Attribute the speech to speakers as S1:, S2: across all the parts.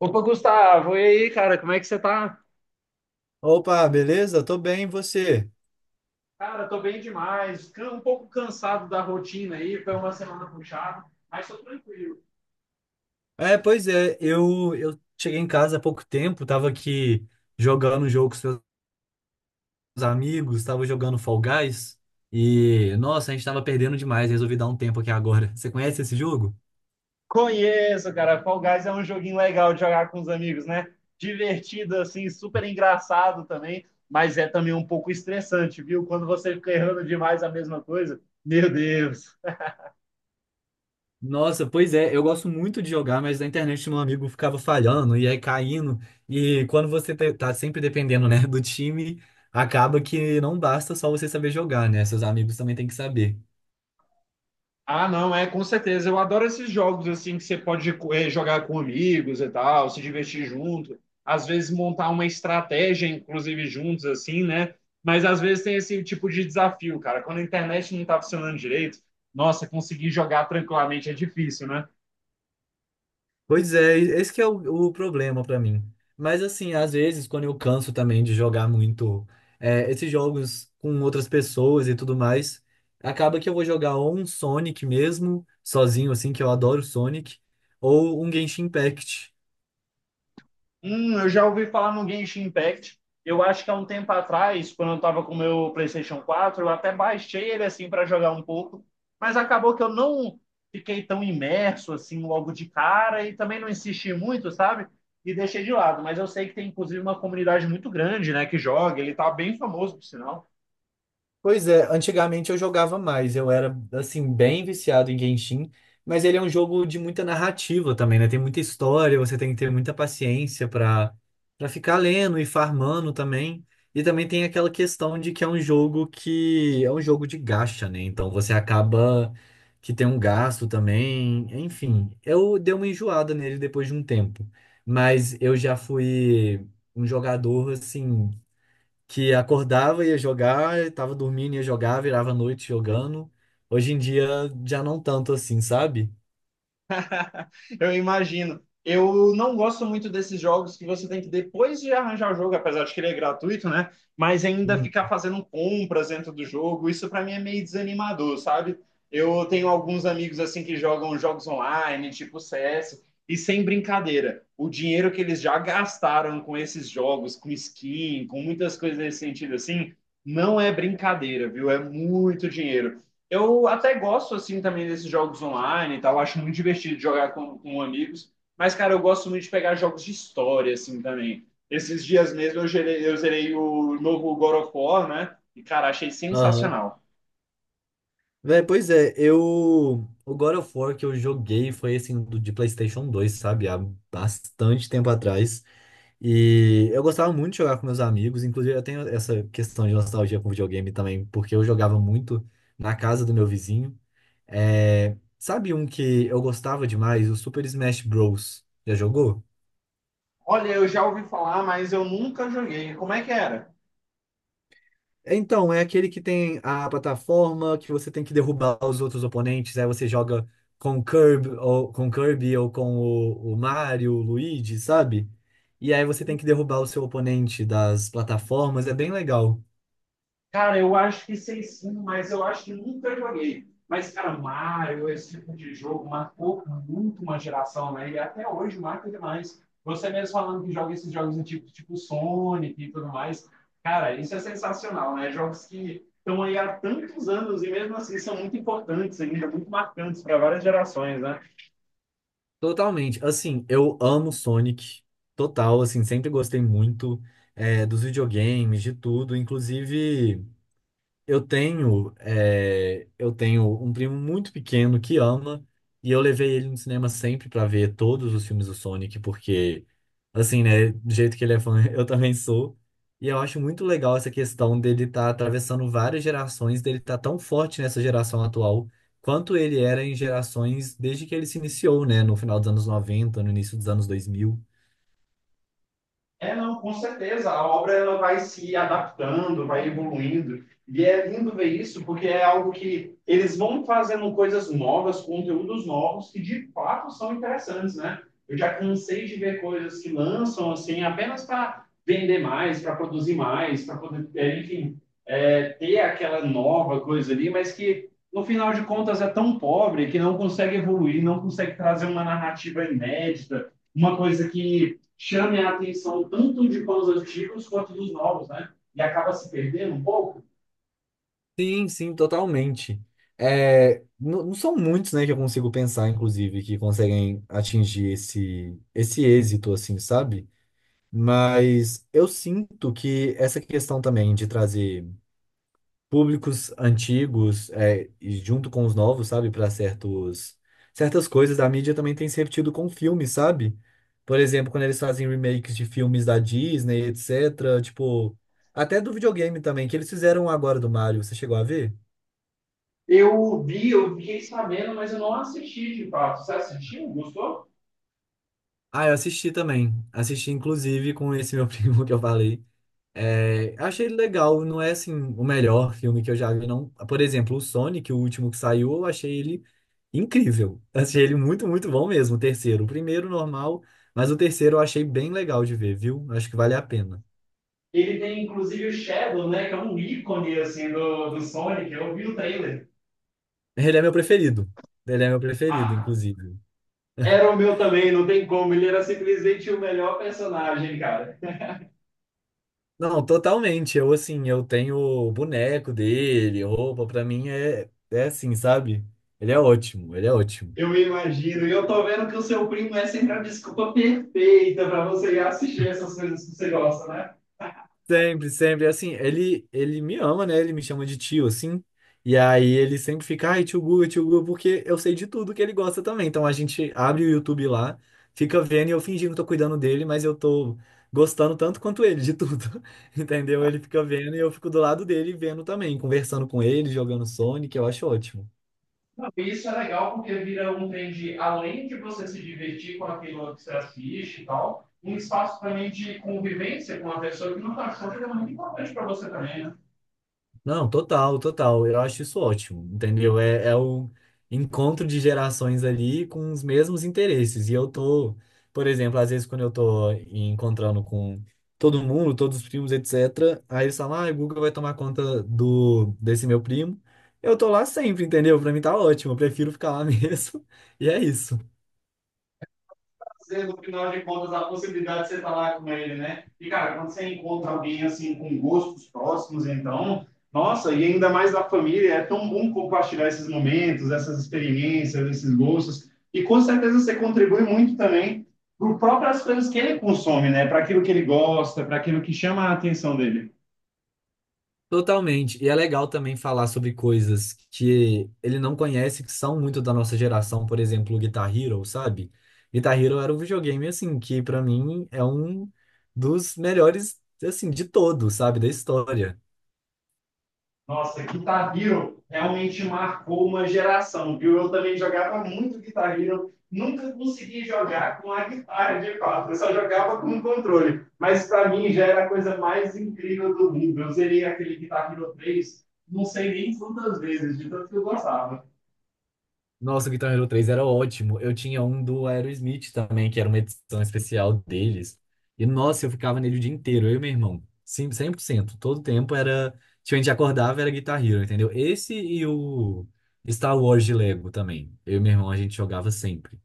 S1: Opa, Gustavo, e aí, cara, como é que você tá?
S2: Opa, beleza? Tô bem, e você?
S1: Cara, tô bem demais. Um pouco cansado da rotina aí, foi uma semana puxada, mas tô tranquilo.
S2: Eu cheguei em casa há pouco tempo, tava aqui jogando um jogo com os meus amigos, tava jogando Fall Guys, e nossa, a gente tava perdendo demais, resolvi dar um tempo aqui agora. Você conhece esse jogo?
S1: Conheço, cara. Fall Guys é um joguinho legal de jogar com os amigos, né? Divertido, assim, super engraçado também, mas é também um pouco estressante, viu? Quando você fica errando demais a mesma coisa, meu Deus.
S2: Nossa, pois é, eu gosto muito de jogar, mas na internet meu amigo ficava falhando e aí caindo, e quando você tá sempre dependendo, né, do time, acaba que não basta só você saber jogar, né? Seus amigos também têm que saber.
S1: Ah, não, é, com certeza. Eu adoro esses jogos assim que você pode jogar com amigos e tal, se divertir junto, às vezes montar uma estratégia, inclusive juntos, assim, né? Mas às vezes tem esse tipo de desafio, cara. Quando a internet não tá funcionando direito, nossa, conseguir jogar tranquilamente é difícil, né?
S2: Pois é, esse que é o problema pra mim. Mas assim, às vezes, quando eu canso também de jogar muito esses jogos com outras pessoas e tudo mais, acaba que eu vou jogar ou um Sonic mesmo, sozinho, assim, que eu adoro Sonic, ou um Genshin Impact.
S1: Eu já ouvi falar no Genshin Impact. Eu acho que há um tempo atrás, quando eu tava com o meu PlayStation 4, eu até baixei ele assim para jogar um pouco, mas acabou que eu não fiquei tão imerso assim logo de cara e também não insisti muito, sabe? E deixei de lado, mas eu sei que tem inclusive uma comunidade muito grande, né, que joga, ele tá bem famoso, por sinal.
S2: Pois é, antigamente eu jogava mais, eu era assim bem viciado em Genshin, mas ele é um jogo de muita narrativa também, né? Tem muita história, você tem que ter muita paciência para ficar lendo e farmando também. E também tem aquela questão de que é um jogo de gacha, né? Então você acaba que tem um gasto também, enfim. Eu dei uma enjoada nele depois de um tempo, mas eu já fui um jogador assim que acordava, ia jogar, tava dormindo, ia jogar, virava a noite jogando. Hoje em dia já não tanto assim, sabe?
S1: Eu imagino. Eu não gosto muito desses jogos que você tem que, depois de arranjar o jogo, apesar de que ele é gratuito, né? Mas ainda
S2: Hum.
S1: ficar fazendo compras dentro do jogo. Isso para mim é meio desanimador, sabe? Eu tenho alguns amigos assim que jogam jogos online, tipo CS, e sem brincadeira, o dinheiro que eles já gastaram com esses jogos, com skin, com muitas coisas nesse sentido assim, não é brincadeira, viu? É muito dinheiro. Eu até gosto, assim, também desses jogos online e tal. Acho muito divertido jogar com amigos. Mas, cara, eu gosto muito de pegar jogos de história, assim, também. Esses dias mesmo eu zerei o novo God of War, né? E, cara, achei
S2: Aham.
S1: sensacional.
S2: Véi, pois é, eu. O God of War que eu joguei foi assim, de PlayStation 2, sabe? Há bastante tempo atrás. E eu gostava muito de jogar com meus amigos, inclusive eu tenho essa questão de nostalgia com videogame também, porque eu jogava muito na casa do meu vizinho. Sabe um que eu gostava demais? O Super Smash Bros. Já jogou?
S1: Olha, eu já ouvi falar, mas eu nunca joguei. Como é que era?
S2: Então, é aquele que tem a plataforma que você tem que derrubar os outros oponentes, aí você joga com o Kirby ou com o Mario, o Luigi, sabe? E aí você tem que derrubar o seu oponente das plataformas, é bem legal.
S1: Cara, eu acho que sei sim, mas eu acho que nunca joguei. Mas, cara, Mario, esse tipo de jogo marcou muito uma geração, né? E até hoje marca demais. Você mesmo falando que joga esses jogos antigos, tipo Sonic e tudo mais. Cara, isso é sensacional, né? Jogos que estão aí há tantos anos e mesmo assim são muito importantes ainda, muito marcantes para várias gerações, né?
S2: Totalmente. Assim, eu amo Sonic, total, assim, sempre gostei muito dos videogames, de tudo, inclusive. Eu tenho um primo muito pequeno que ama, e eu levei ele no cinema sempre pra ver todos os filmes do Sonic, porque, assim, né, do jeito que ele é fã, eu também sou. E eu acho muito legal essa questão dele estar tá atravessando várias gerações, dele estar tá tão forte nessa geração atual, quanto ele era em gerações desde que ele se iniciou, né, no final dos anos 90 no início dos anos 2000.
S1: É, não, com certeza. A obra ela vai se adaptando, vai evoluindo. E é lindo ver isso, porque é algo que eles vão fazendo coisas novas, conteúdos novos, que de fato são interessantes, né? Eu já cansei de ver coisas que lançam, assim, apenas para vender mais, para produzir mais, para poder, é, enfim, é, ter aquela nova coisa ali, mas que, no final de contas, é tão pobre que não consegue evoluir, não consegue trazer uma narrativa inédita, uma coisa que chame a atenção tanto de fãs antigos quanto dos novos, né? E acaba se perdendo um pouco.
S2: Sim, sim, totalmente. É, não, não são muitos, né, que eu consigo pensar, inclusive, que conseguem atingir esse êxito, assim, sabe? Mas eu sinto que essa questão também de trazer públicos antigos, é, e junto com os novos, sabe, para certas coisas a mídia também tem se repetido com filmes, sabe? Por exemplo, quando eles fazem remakes de filmes da Disney, etc. Tipo, até do videogame também, que eles fizeram agora do Mario, você chegou a ver?
S1: Eu vi, eu fiquei sabendo, mas eu não assisti de fato. Você assistiu? Gostou?
S2: Ah, eu assisti também. Assisti, inclusive, com esse meu primo que eu falei. É, achei ele legal, não é assim o melhor filme que eu já vi, não. Por exemplo, o Sonic, o último que saiu, eu achei ele incrível. Achei ele muito, muito bom mesmo, o terceiro. O primeiro, normal, mas o terceiro eu achei bem legal de ver, viu? Acho que vale a pena.
S1: Ele tem inclusive o Shadow, né? Que é um ícone assim do, do Sonic. Eu vi o trailer.
S2: Ele é meu preferido. Ele é meu preferido,
S1: Ah,
S2: inclusive.
S1: era o meu também, não tem como. Ele era simplesmente o melhor personagem, cara.
S2: Não, totalmente. Eu, assim, eu tenho o boneco dele, roupa, pra mim é, é assim, sabe? Ele é ótimo, ele é ótimo.
S1: Eu imagino. E eu tô vendo que o seu primo é sempre a desculpa perfeita para você ir assistir essas coisas que você gosta, né?
S2: Sempre, sempre. Assim, ele me ama, né? Ele me chama de tio, assim. E aí ele sempre fica, ai, tio Guga, porque eu sei de tudo que ele gosta também. Então a gente abre o YouTube lá, fica vendo e eu fingindo que tô cuidando dele, mas eu tô gostando tanto quanto ele de tudo. Entendeu? Ele fica vendo e eu fico do lado dele vendo também, conversando com ele, jogando Sonic, eu acho ótimo.
S1: Não, isso é legal porque vira um trend, além de você se divertir com aquilo que você assiste e tal, um espaço também de convivência com uma pessoa que não está achando que é muito importante para você também, né?
S2: Não, total, total. Eu acho isso ótimo, entendeu? É, é o encontro de gerações ali com os mesmos interesses. E eu tô, por exemplo, às vezes quando eu tô encontrando com todo mundo, todos os primos, etc., aí eles falam, ah, o Guga vai tomar conta desse meu primo. Eu tô lá sempre, entendeu? Pra mim tá ótimo, eu prefiro ficar lá mesmo. E é isso.
S1: Trazer, no final de contas, a possibilidade de você estar lá com ele, né? E, cara, quando você encontra alguém, assim, com gostos próximos, então, nossa, e ainda mais da família, é tão bom compartilhar esses momentos, essas experiências, esses gostos. E, com certeza, você contribui muito também para as próprias coisas que ele consome, né? Para aquilo que ele gosta, para aquilo que chama a atenção dele.
S2: Totalmente. E é legal também falar sobre coisas que ele não conhece, que são muito da nossa geração, por exemplo, o Guitar Hero, sabe? Guitar Hero era um videogame, assim, que pra mim é um dos melhores, assim, de todos, sabe? Da história.
S1: Nossa, Guitar Hero realmente marcou uma geração, viu? Eu também jogava muito Guitar Hero, nunca consegui jogar com a guitarra de fato, eu só jogava com o controle. Mas para mim já era a coisa mais incrível do mundo. Eu zerei aquele Guitar Hero 3, não sei nem quantas vezes, de tanto que eu gostava.
S2: Nossa, o Guitar Hero 3 era ótimo. Eu tinha um do Aerosmith também, que era uma edição especial deles. E, nossa, eu ficava nele o dia inteiro, eu e meu irmão. Sim, 100%, todo tempo era. Tipo, a gente acordava, era Guitar Hero, entendeu? Esse e o Star Wars de Lego também. Eu e meu irmão, a gente jogava sempre.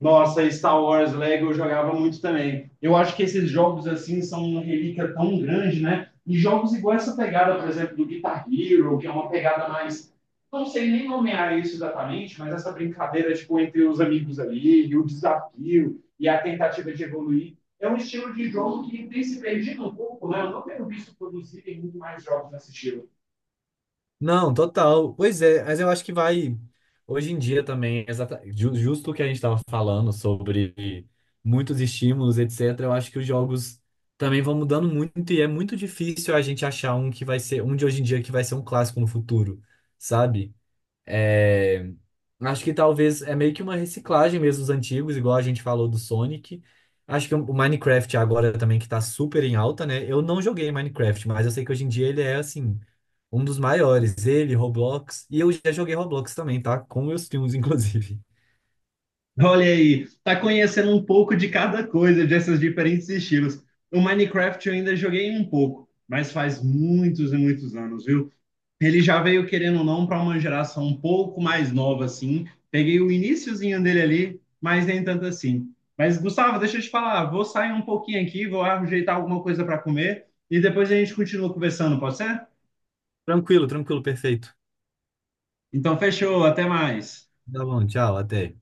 S1: Nossa, Star Wars Lego eu jogava muito também. Eu acho que esses jogos assim são uma relíquia tão grande, né? E jogos igual essa pegada, por exemplo, do Guitar Hero, que é uma pegada mais. Não sei nem nomear isso exatamente, mas essa brincadeira tipo, entre os amigos ali, e o desafio, e a tentativa de evoluir. É um estilo de jogo que tem se perdido um pouco, né? Eu não tenho visto produzirem muito mais jogos nesse estilo.
S2: Não, total. Pois é, mas eu acho que vai. Hoje em dia também, justo o que a gente estava falando sobre muitos estímulos, etc., eu acho que os jogos também vão mudando muito e é muito difícil a gente achar um um de hoje em dia que vai ser um clássico no futuro, sabe? É, acho que talvez é meio que uma reciclagem mesmo dos antigos, igual a gente falou do Sonic. Acho que o Minecraft agora também que tá super em alta, né? Eu não joguei Minecraft, mas eu sei que hoje em dia ele é assim, um dos maiores. Ele, Roblox. E eu já joguei Roblox também, tá? Com meus filmes, inclusive.
S1: Olha aí, tá conhecendo um pouco de cada coisa, desses diferentes estilos. O Minecraft eu ainda joguei um pouco, mas faz muitos e muitos anos, viu? Ele já veio, querendo ou não, para uma geração um pouco mais nova, assim. Peguei o iniciozinho dele ali, mas nem tanto assim. Mas, Gustavo, deixa eu te falar, vou sair um pouquinho aqui, vou ajeitar alguma coisa para comer e depois a gente continua conversando, pode ser?
S2: Tranquilo, tranquilo, perfeito.
S1: Então, fechou, até mais.
S2: Tá bom, tchau, até.